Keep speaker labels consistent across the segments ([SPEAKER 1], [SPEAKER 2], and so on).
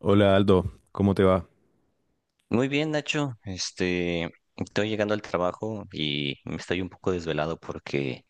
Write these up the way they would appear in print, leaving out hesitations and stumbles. [SPEAKER 1] Hola Aldo, ¿cómo te va?
[SPEAKER 2] Muy bien, Nacho. Estoy llegando al trabajo y me estoy un poco desvelado porque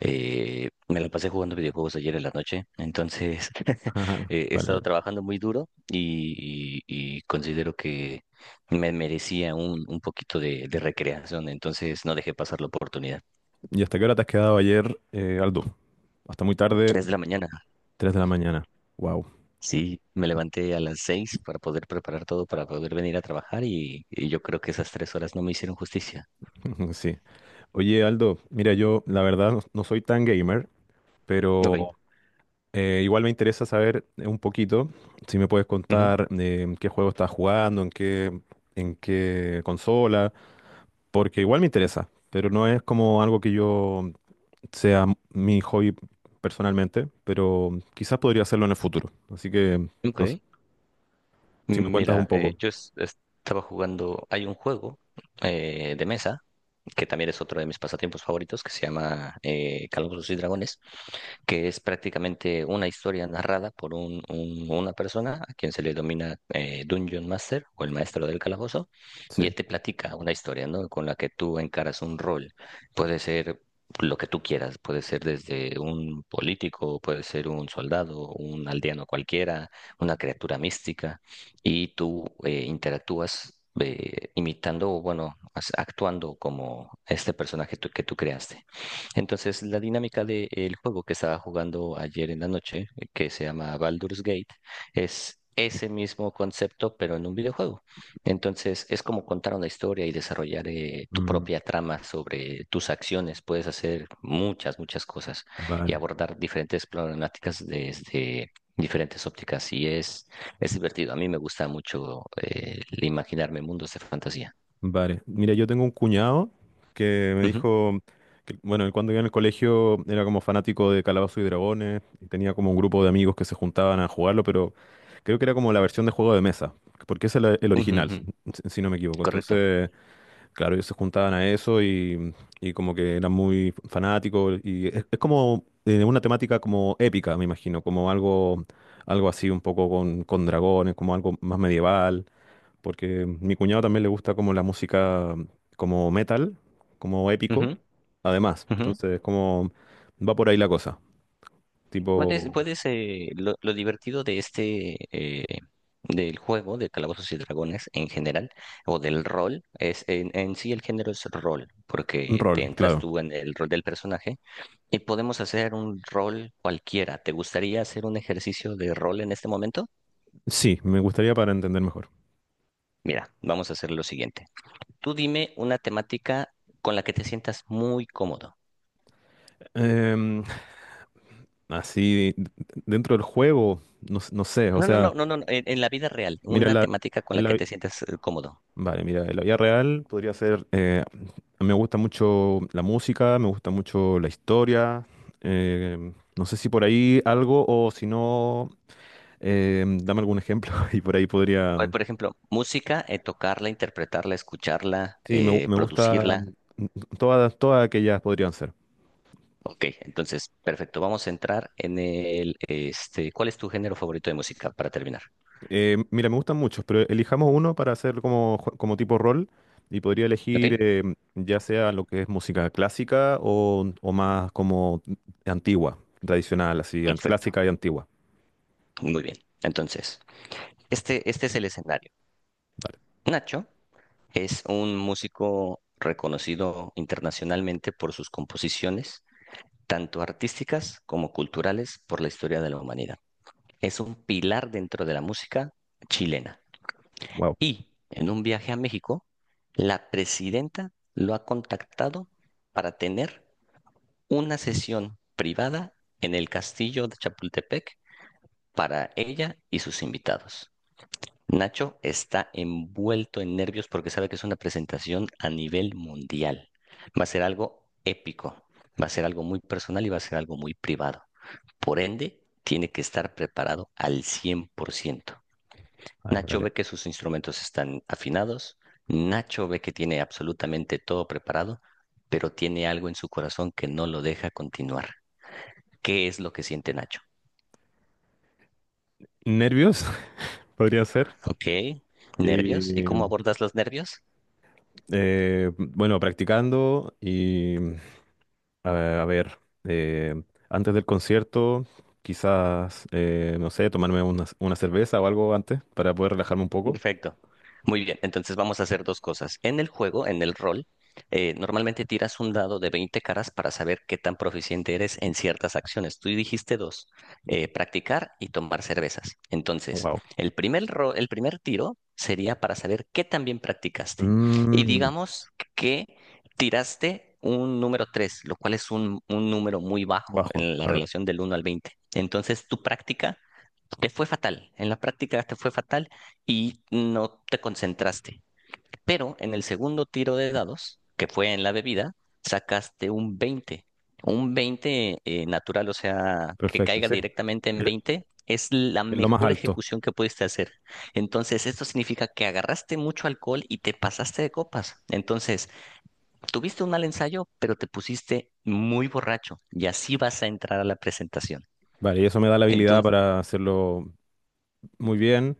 [SPEAKER 2] me la pasé jugando videojuegos ayer en la noche. Entonces,
[SPEAKER 1] Ajá.
[SPEAKER 2] he
[SPEAKER 1] Bueno,
[SPEAKER 2] estado trabajando muy duro y considero que me merecía un poquito de recreación. Entonces, no dejé pasar la oportunidad.
[SPEAKER 1] ¿y hasta qué hora te has quedado ayer, Aldo? Hasta muy tarde,
[SPEAKER 2] 3 de la mañana.
[SPEAKER 1] 3 de la mañana. Wow.
[SPEAKER 2] Sí, me levanté a las 6 para poder preparar todo para poder venir a trabajar y yo creo que esas 3 horas no me hicieron justicia.
[SPEAKER 1] Sí. Oye Aldo, mira, yo la verdad no, no soy tan gamer,
[SPEAKER 2] Ok.
[SPEAKER 1] pero igual me interesa saber un poquito, si me puedes
[SPEAKER 2] Ujú.
[SPEAKER 1] contar en qué juego estás jugando, en qué consola, porque igual me interesa, pero no es como algo que yo sea mi hobby personalmente, pero quizás podría hacerlo en el futuro. Así que...
[SPEAKER 2] Ok.
[SPEAKER 1] no Si me cuentas un
[SPEAKER 2] Mira,
[SPEAKER 1] poco.
[SPEAKER 2] yo estaba jugando, hay un juego de mesa, que también es otro de mis pasatiempos favoritos, que se llama Calabozos y Dragones, que es prácticamente una historia narrada por una persona a quien se le denomina Dungeon Master o el maestro del calabozo, y
[SPEAKER 1] Sí.
[SPEAKER 2] él te platica una historia, ¿no? Con la que tú encaras un rol. Puede ser lo que tú quieras, puede ser desde un político, puede ser un soldado, un aldeano cualquiera, una criatura mística, y tú interactúas, imitando o bueno, actuando como este personaje que tú creaste. Entonces, la dinámica del juego que estaba jugando ayer en la noche, que se llama Baldur's Gate, es ese mismo concepto, pero en un videojuego. Entonces, es como contar una historia y desarrollar tu
[SPEAKER 1] Mm,
[SPEAKER 2] propia trama sobre tus acciones. Puedes hacer muchas, muchas cosas y
[SPEAKER 1] vale,
[SPEAKER 2] abordar diferentes problemáticas desde diferentes ópticas. Y es divertido. A mí me gusta mucho el imaginarme mundos de fantasía.
[SPEAKER 1] vale. Mira, yo tengo un cuñado que me
[SPEAKER 2] Ujú,
[SPEAKER 1] dijo que, bueno, él cuando iba en el colegio era como fanático de Calabozos y Dragones y tenía como un grupo de amigos que se juntaban a jugarlo, pero creo que era como la versión de juego de mesa, porque ese es el
[SPEAKER 2] ujú,
[SPEAKER 1] original,
[SPEAKER 2] ujú.
[SPEAKER 1] si si no me equivoco.
[SPEAKER 2] Correcto.
[SPEAKER 1] Entonces, claro, ellos se juntaban a eso y como que eran muy fanáticos y es como una temática como épica, me imagino, algo así un poco con dragones, como algo más medieval, porque mi cuñado también le gusta como la música como metal, como
[SPEAKER 2] Ujú,
[SPEAKER 1] épico, además,
[SPEAKER 2] ujú.
[SPEAKER 1] entonces como va por ahí la cosa,
[SPEAKER 2] ¿Cuál es,
[SPEAKER 1] tipo
[SPEAKER 2] cuál es, eh, lo divertido del juego de Calabozos y Dragones en general, o del rol? Es, en sí el género es rol,
[SPEAKER 1] un
[SPEAKER 2] porque te
[SPEAKER 1] rol,
[SPEAKER 2] entras
[SPEAKER 1] claro.
[SPEAKER 2] tú en el rol del personaje y podemos hacer un rol cualquiera. ¿Te gustaría hacer un ejercicio de rol en este momento?
[SPEAKER 1] Sí, me gustaría para entender mejor.
[SPEAKER 2] Mira, vamos a hacer lo siguiente. Tú dime una temática con la que te sientas muy cómodo.
[SPEAKER 1] Em, así, d- dentro del juego, no, no sé, o
[SPEAKER 2] No, no,
[SPEAKER 1] sea...
[SPEAKER 2] no, no, no, no, en la vida real,
[SPEAKER 1] Mira,
[SPEAKER 2] una
[SPEAKER 1] la,
[SPEAKER 2] temática con
[SPEAKER 1] en
[SPEAKER 2] la que
[SPEAKER 1] la-
[SPEAKER 2] te sientas cómodo.
[SPEAKER 1] Vale, mira, en la vida real podría ser, me gusta mucho la música, me gusta mucho la historia, eh, no sé si por ahí algo o si no, dame algún ejemplo y por ahí
[SPEAKER 2] Hoy,
[SPEAKER 1] podría,
[SPEAKER 2] por ejemplo, música, tocarla, interpretarla, escucharla,
[SPEAKER 1] sí, me gusta,
[SPEAKER 2] producirla.
[SPEAKER 1] mm, todas aquellas podrían ser.
[SPEAKER 2] Ok, entonces, perfecto. Vamos a entrar ¿cuál es tu género favorito de música para terminar?
[SPEAKER 1] Mira, me gustan muchos, pero elijamos uno para hacer como, como tipo rol y podría
[SPEAKER 2] Ok,
[SPEAKER 1] elegir ya sea lo que es música clásica o más como antigua, tradicional,
[SPEAKER 2] perfecto.
[SPEAKER 1] clásica y antigua.
[SPEAKER 2] Muy bien. Entonces, este es el escenario.
[SPEAKER 1] Vale,
[SPEAKER 2] Nacho es un músico reconocido internacionalmente por sus composiciones, tanto artísticas como culturales, por la historia de la humanidad. Es un pilar dentro de la música chilena.
[SPEAKER 1] wow.
[SPEAKER 2] Y en un viaje a México, la presidenta lo ha contactado para tener una sesión privada en el castillo de Chapultepec para ella y sus invitados. Nacho está envuelto en nervios porque sabe que es una presentación a nivel mundial. Va a ser algo épico, va a ser algo muy personal y va a ser algo muy privado. Por ende, tiene que estar preparado al 100%.
[SPEAKER 1] Vale,
[SPEAKER 2] Nacho
[SPEAKER 1] vale.
[SPEAKER 2] ve que sus instrumentos están afinados, Nacho ve que tiene absolutamente todo preparado, pero tiene algo en su corazón que no lo deja continuar. ¿Qué es lo que siente Nacho?
[SPEAKER 1] Nervios, podría ser.
[SPEAKER 2] Ok,
[SPEAKER 1] Y,
[SPEAKER 2] nervios. ¿Y cómo abordas los nervios?
[SPEAKER 1] bueno, practicando y a ver, eh, antes del concierto, quizás, no sé, tomarme una cerveza o algo antes para poder relajarme un poco.
[SPEAKER 2] Perfecto. Muy bien, entonces vamos a hacer dos cosas. En el juego, en el rol, normalmente tiras un dado de 20 caras para saber qué tan proficiente eres en ciertas acciones. Tú dijiste dos, practicar y tomar cervezas. Entonces, el primer tiro sería para saber qué tan bien practicaste. Y
[SPEAKER 1] Mm,
[SPEAKER 2] digamos que tiraste un número 3, lo cual es un número muy bajo
[SPEAKER 1] bajo,
[SPEAKER 2] en la
[SPEAKER 1] claro.
[SPEAKER 2] relación del 1 al 20. Entonces, tu práctica te fue fatal, en la práctica te fue fatal y no te concentraste. Pero en el segundo tiro de dados, que fue en la bebida, sacaste un 20. Un 20, natural, o sea, que
[SPEAKER 1] Perfecto,
[SPEAKER 2] caiga
[SPEAKER 1] sí.
[SPEAKER 2] directamente en
[SPEAKER 1] Es
[SPEAKER 2] 20 es la
[SPEAKER 1] es lo más
[SPEAKER 2] mejor
[SPEAKER 1] alto.
[SPEAKER 2] ejecución que pudiste hacer. Entonces, esto significa que agarraste mucho alcohol y te pasaste de copas. Entonces, tuviste un mal ensayo, pero te pusiste muy borracho y así vas a entrar a la presentación.
[SPEAKER 1] Vale, y eso me da la habilidad
[SPEAKER 2] Entonces,
[SPEAKER 1] para hacerlo muy bien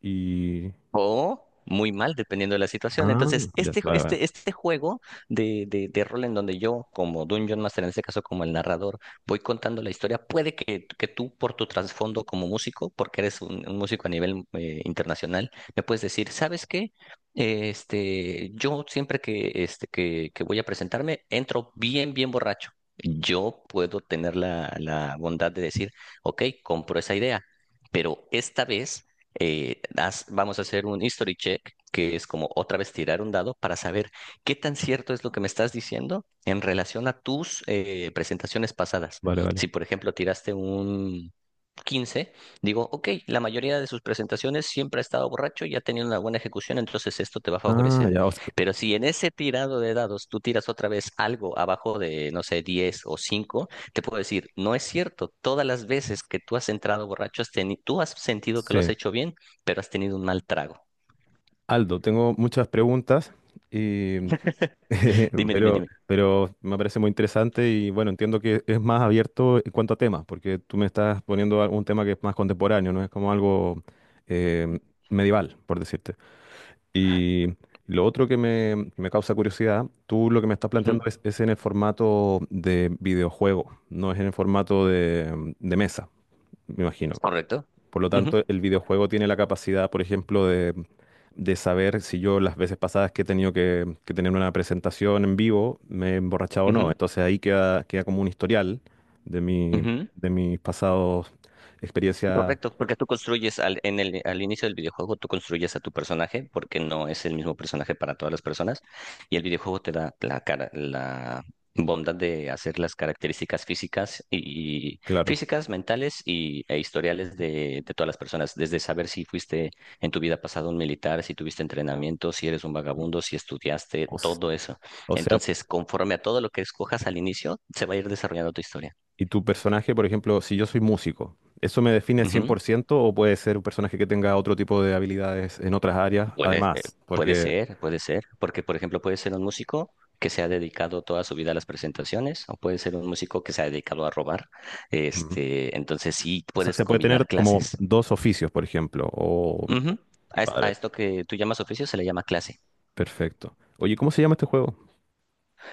[SPEAKER 1] y...
[SPEAKER 2] o muy mal, dependiendo de la situación.
[SPEAKER 1] Ah,
[SPEAKER 2] Entonces,
[SPEAKER 1] ya,
[SPEAKER 2] este,
[SPEAKER 1] vale, vale,
[SPEAKER 2] este, este juego de rol en donde yo, como Dungeon Master, en este caso como el narrador, voy contando la historia, puede que tú, por tu trasfondo como músico, porque eres un músico a nivel internacional, me puedes decir, ¿sabes qué? Yo siempre que voy a presentarme, entro bien, bien borracho. Yo puedo tener la bondad de decir, ok, compro esa idea. Pero esta vez vamos a hacer un history check, que es como otra vez tirar un dado para saber qué tan cierto es lo que me estás diciendo en relación a tus presentaciones pasadas.
[SPEAKER 1] vale, vale.
[SPEAKER 2] Si, por ejemplo, tiraste un 15, digo, ok, la mayoría de sus presentaciones siempre ha estado borracho y ha tenido una buena ejecución, entonces esto te va a
[SPEAKER 1] Ah,
[SPEAKER 2] favorecer.
[SPEAKER 1] ya, o sea,
[SPEAKER 2] Pero si en ese tirado de dados tú tiras otra vez algo abajo de, no sé, 10 o 5, te puedo decir, no es cierto, todas las veces que tú has entrado borracho, tú has sentido que lo has
[SPEAKER 1] sí.
[SPEAKER 2] hecho bien, pero has tenido un mal trago.
[SPEAKER 1] Aldo, tengo muchas preguntas, y,
[SPEAKER 2] Dime, dime, dime.
[SPEAKER 1] pero me parece muy interesante y bueno, entiendo que es más abierto en cuanto a temas, porque tú me estás poniendo algún tema que es más contemporáneo, no es como algo eh, medieval, por decirte. Y lo otro que me, causa curiosidad, tú lo que me estás
[SPEAKER 2] Ujú.
[SPEAKER 1] planteando es en el formato de videojuego, no es en el formato de mesa, me imagino.
[SPEAKER 2] ¿Correcto?
[SPEAKER 1] Por lo
[SPEAKER 2] Ujú,
[SPEAKER 1] tanto, el videojuego tiene la capacidad, por ejemplo, de saber si yo las veces pasadas que he tenido que tener una presentación en vivo me he emborrachado o no.
[SPEAKER 2] ujú,
[SPEAKER 1] Entonces ahí queda como un historial de mi,
[SPEAKER 2] ujú.
[SPEAKER 1] de mis pasados experiencias,
[SPEAKER 2] Correcto, porque tú construyes al inicio del videojuego, tú construyes a tu personaje, porque no es el mismo personaje para todas las personas, y el videojuego te da la cara, la bondad de hacer las características físicas
[SPEAKER 1] claro.
[SPEAKER 2] físicas, mentales y e historiales de todas las personas, desde saber si fuiste en tu vida pasada un militar, si tuviste entrenamiento, si eres un vagabundo, si estudiaste,
[SPEAKER 1] O s-
[SPEAKER 2] todo eso.
[SPEAKER 1] o sea,
[SPEAKER 2] Entonces, conforme a todo lo que escojas al inicio, se va a ir desarrollando tu historia.
[SPEAKER 1] y tu personaje, por ejemplo, si yo soy músico, ¿eso me define 100% o puede ser un personaje que tenga otro tipo de habilidades en otras áreas?
[SPEAKER 2] Puede, eh,
[SPEAKER 1] Además,
[SPEAKER 2] puede
[SPEAKER 1] porque,
[SPEAKER 2] ser, puede ser, porque por ejemplo puede ser un músico que se ha dedicado toda su vida a las presentaciones o puede ser un músico que se ha dedicado a robar.
[SPEAKER 1] ujú,
[SPEAKER 2] Este, entonces sí
[SPEAKER 1] o sea,
[SPEAKER 2] puedes
[SPEAKER 1] se puede tener
[SPEAKER 2] combinar
[SPEAKER 1] como
[SPEAKER 2] clases.
[SPEAKER 1] dos oficios, por ejemplo. O,
[SPEAKER 2] Ujú. A
[SPEAKER 1] vale,
[SPEAKER 2] esto que tú llamas oficio se le llama clase.
[SPEAKER 1] perfecto. Oye, ¿cómo se llama este juego?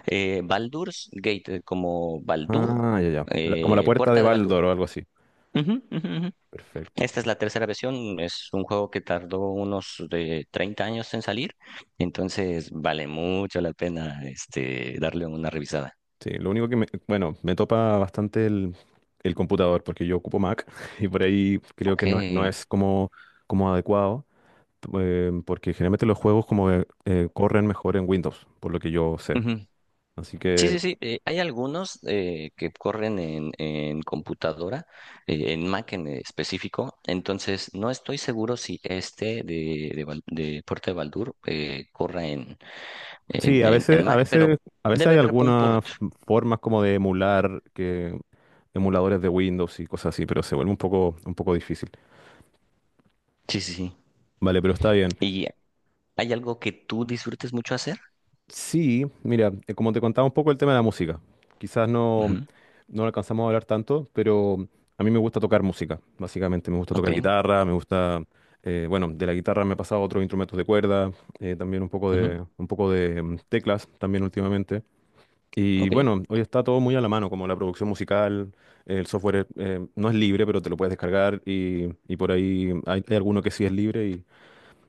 [SPEAKER 2] Baldur's Gate, como Baldur,
[SPEAKER 1] Ah, ya, ya. La- como la puerta de
[SPEAKER 2] Puerta de Baldur.
[SPEAKER 1] Baldor o algo así.
[SPEAKER 2] Ujú, ujú, ujú.
[SPEAKER 1] Perfecto.
[SPEAKER 2] Esta es la tercera versión, es un juego que tardó unos de 30 años en salir, entonces vale mucho la pena este, darle una revisada.
[SPEAKER 1] Sí, lo único que me, bueno, me topa bastante el computador porque yo ocupo Mac y por ahí creo
[SPEAKER 2] Ok.
[SPEAKER 1] que no, no es como, como adecuado. Porque generalmente los juegos como que, corren mejor en Windows, por lo que yo sé.
[SPEAKER 2] Ujú.
[SPEAKER 1] Así
[SPEAKER 2] Sí,
[SPEAKER 1] que
[SPEAKER 2] sí, sí. Hay algunos que corren en computadora, en Mac en específico. Entonces, no estoy seguro si este de Puerto de Baldur corra en,
[SPEAKER 1] sí,
[SPEAKER 2] en,
[SPEAKER 1] a
[SPEAKER 2] en, en
[SPEAKER 1] veces, a
[SPEAKER 2] Mac, pero
[SPEAKER 1] veces, a veces
[SPEAKER 2] debe
[SPEAKER 1] hay
[SPEAKER 2] haber un port.
[SPEAKER 1] algunas formas como de emular que emuladores de Windows y cosas así, pero se vuelve un poco difícil.
[SPEAKER 2] Sí, sí, sí.
[SPEAKER 1] Vale, pero está bien.
[SPEAKER 2] ¿Y hay algo que tú disfrutes mucho hacer?
[SPEAKER 1] Sí, mira, como te contaba un poco el tema de la música. Quizás no.
[SPEAKER 2] Ujú.
[SPEAKER 1] No alcanzamos a hablar tanto, pero a mí me gusta tocar música, básicamente. Me gusta
[SPEAKER 2] Ok.
[SPEAKER 1] tocar guitarra, me gusta, bueno, de la guitarra me he pasado a otros instrumentos de cuerda, también
[SPEAKER 2] Ujú.
[SPEAKER 1] un poco de teclas también últimamente. Y
[SPEAKER 2] Ok.
[SPEAKER 1] bueno, hoy está todo muy a la mano, como la producción musical, el software no es libre, pero te lo puedes descargar y por ahí hay, hay alguno que sí es libre.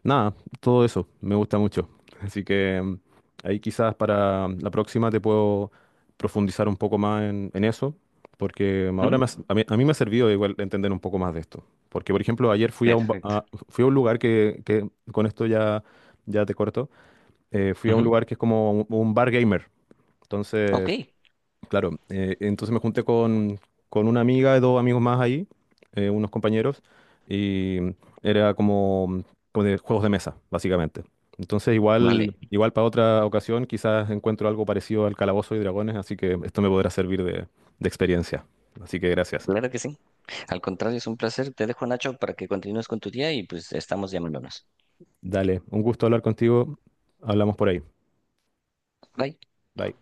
[SPEAKER 1] Nada, todo eso me gusta mucho. Así que ahí quizás para la próxima te puedo profundizar un poco más en eso, porque ahora
[SPEAKER 2] Ujú.
[SPEAKER 1] a mí, me ha servido igual entender un poco más de esto. Porque, por ejemplo, ayer fui a
[SPEAKER 2] Perfecto.
[SPEAKER 1] fui a un lugar que, con esto ya, ya te corto, fui a un
[SPEAKER 2] Ujú.
[SPEAKER 1] lugar que es como un bar gamer.
[SPEAKER 2] Ok.
[SPEAKER 1] Entonces, claro, entonces me junté con una amiga y dos amigos más ahí, unos compañeros, y era como, como de juegos de mesa, básicamente. Entonces
[SPEAKER 2] Vale.
[SPEAKER 1] igual, igual para otra ocasión quizás encuentro algo parecido al Calabozo y Dragones, así que esto me podrá servir de experiencia. Así que gracias.
[SPEAKER 2] Claro que sí. Al contrario, es un placer. Te dejo, Nacho, para que continúes con tu día y pues estamos llamándonos.
[SPEAKER 1] Dale, un gusto hablar contigo. Hablamos por ahí.
[SPEAKER 2] Bye.
[SPEAKER 1] Bye.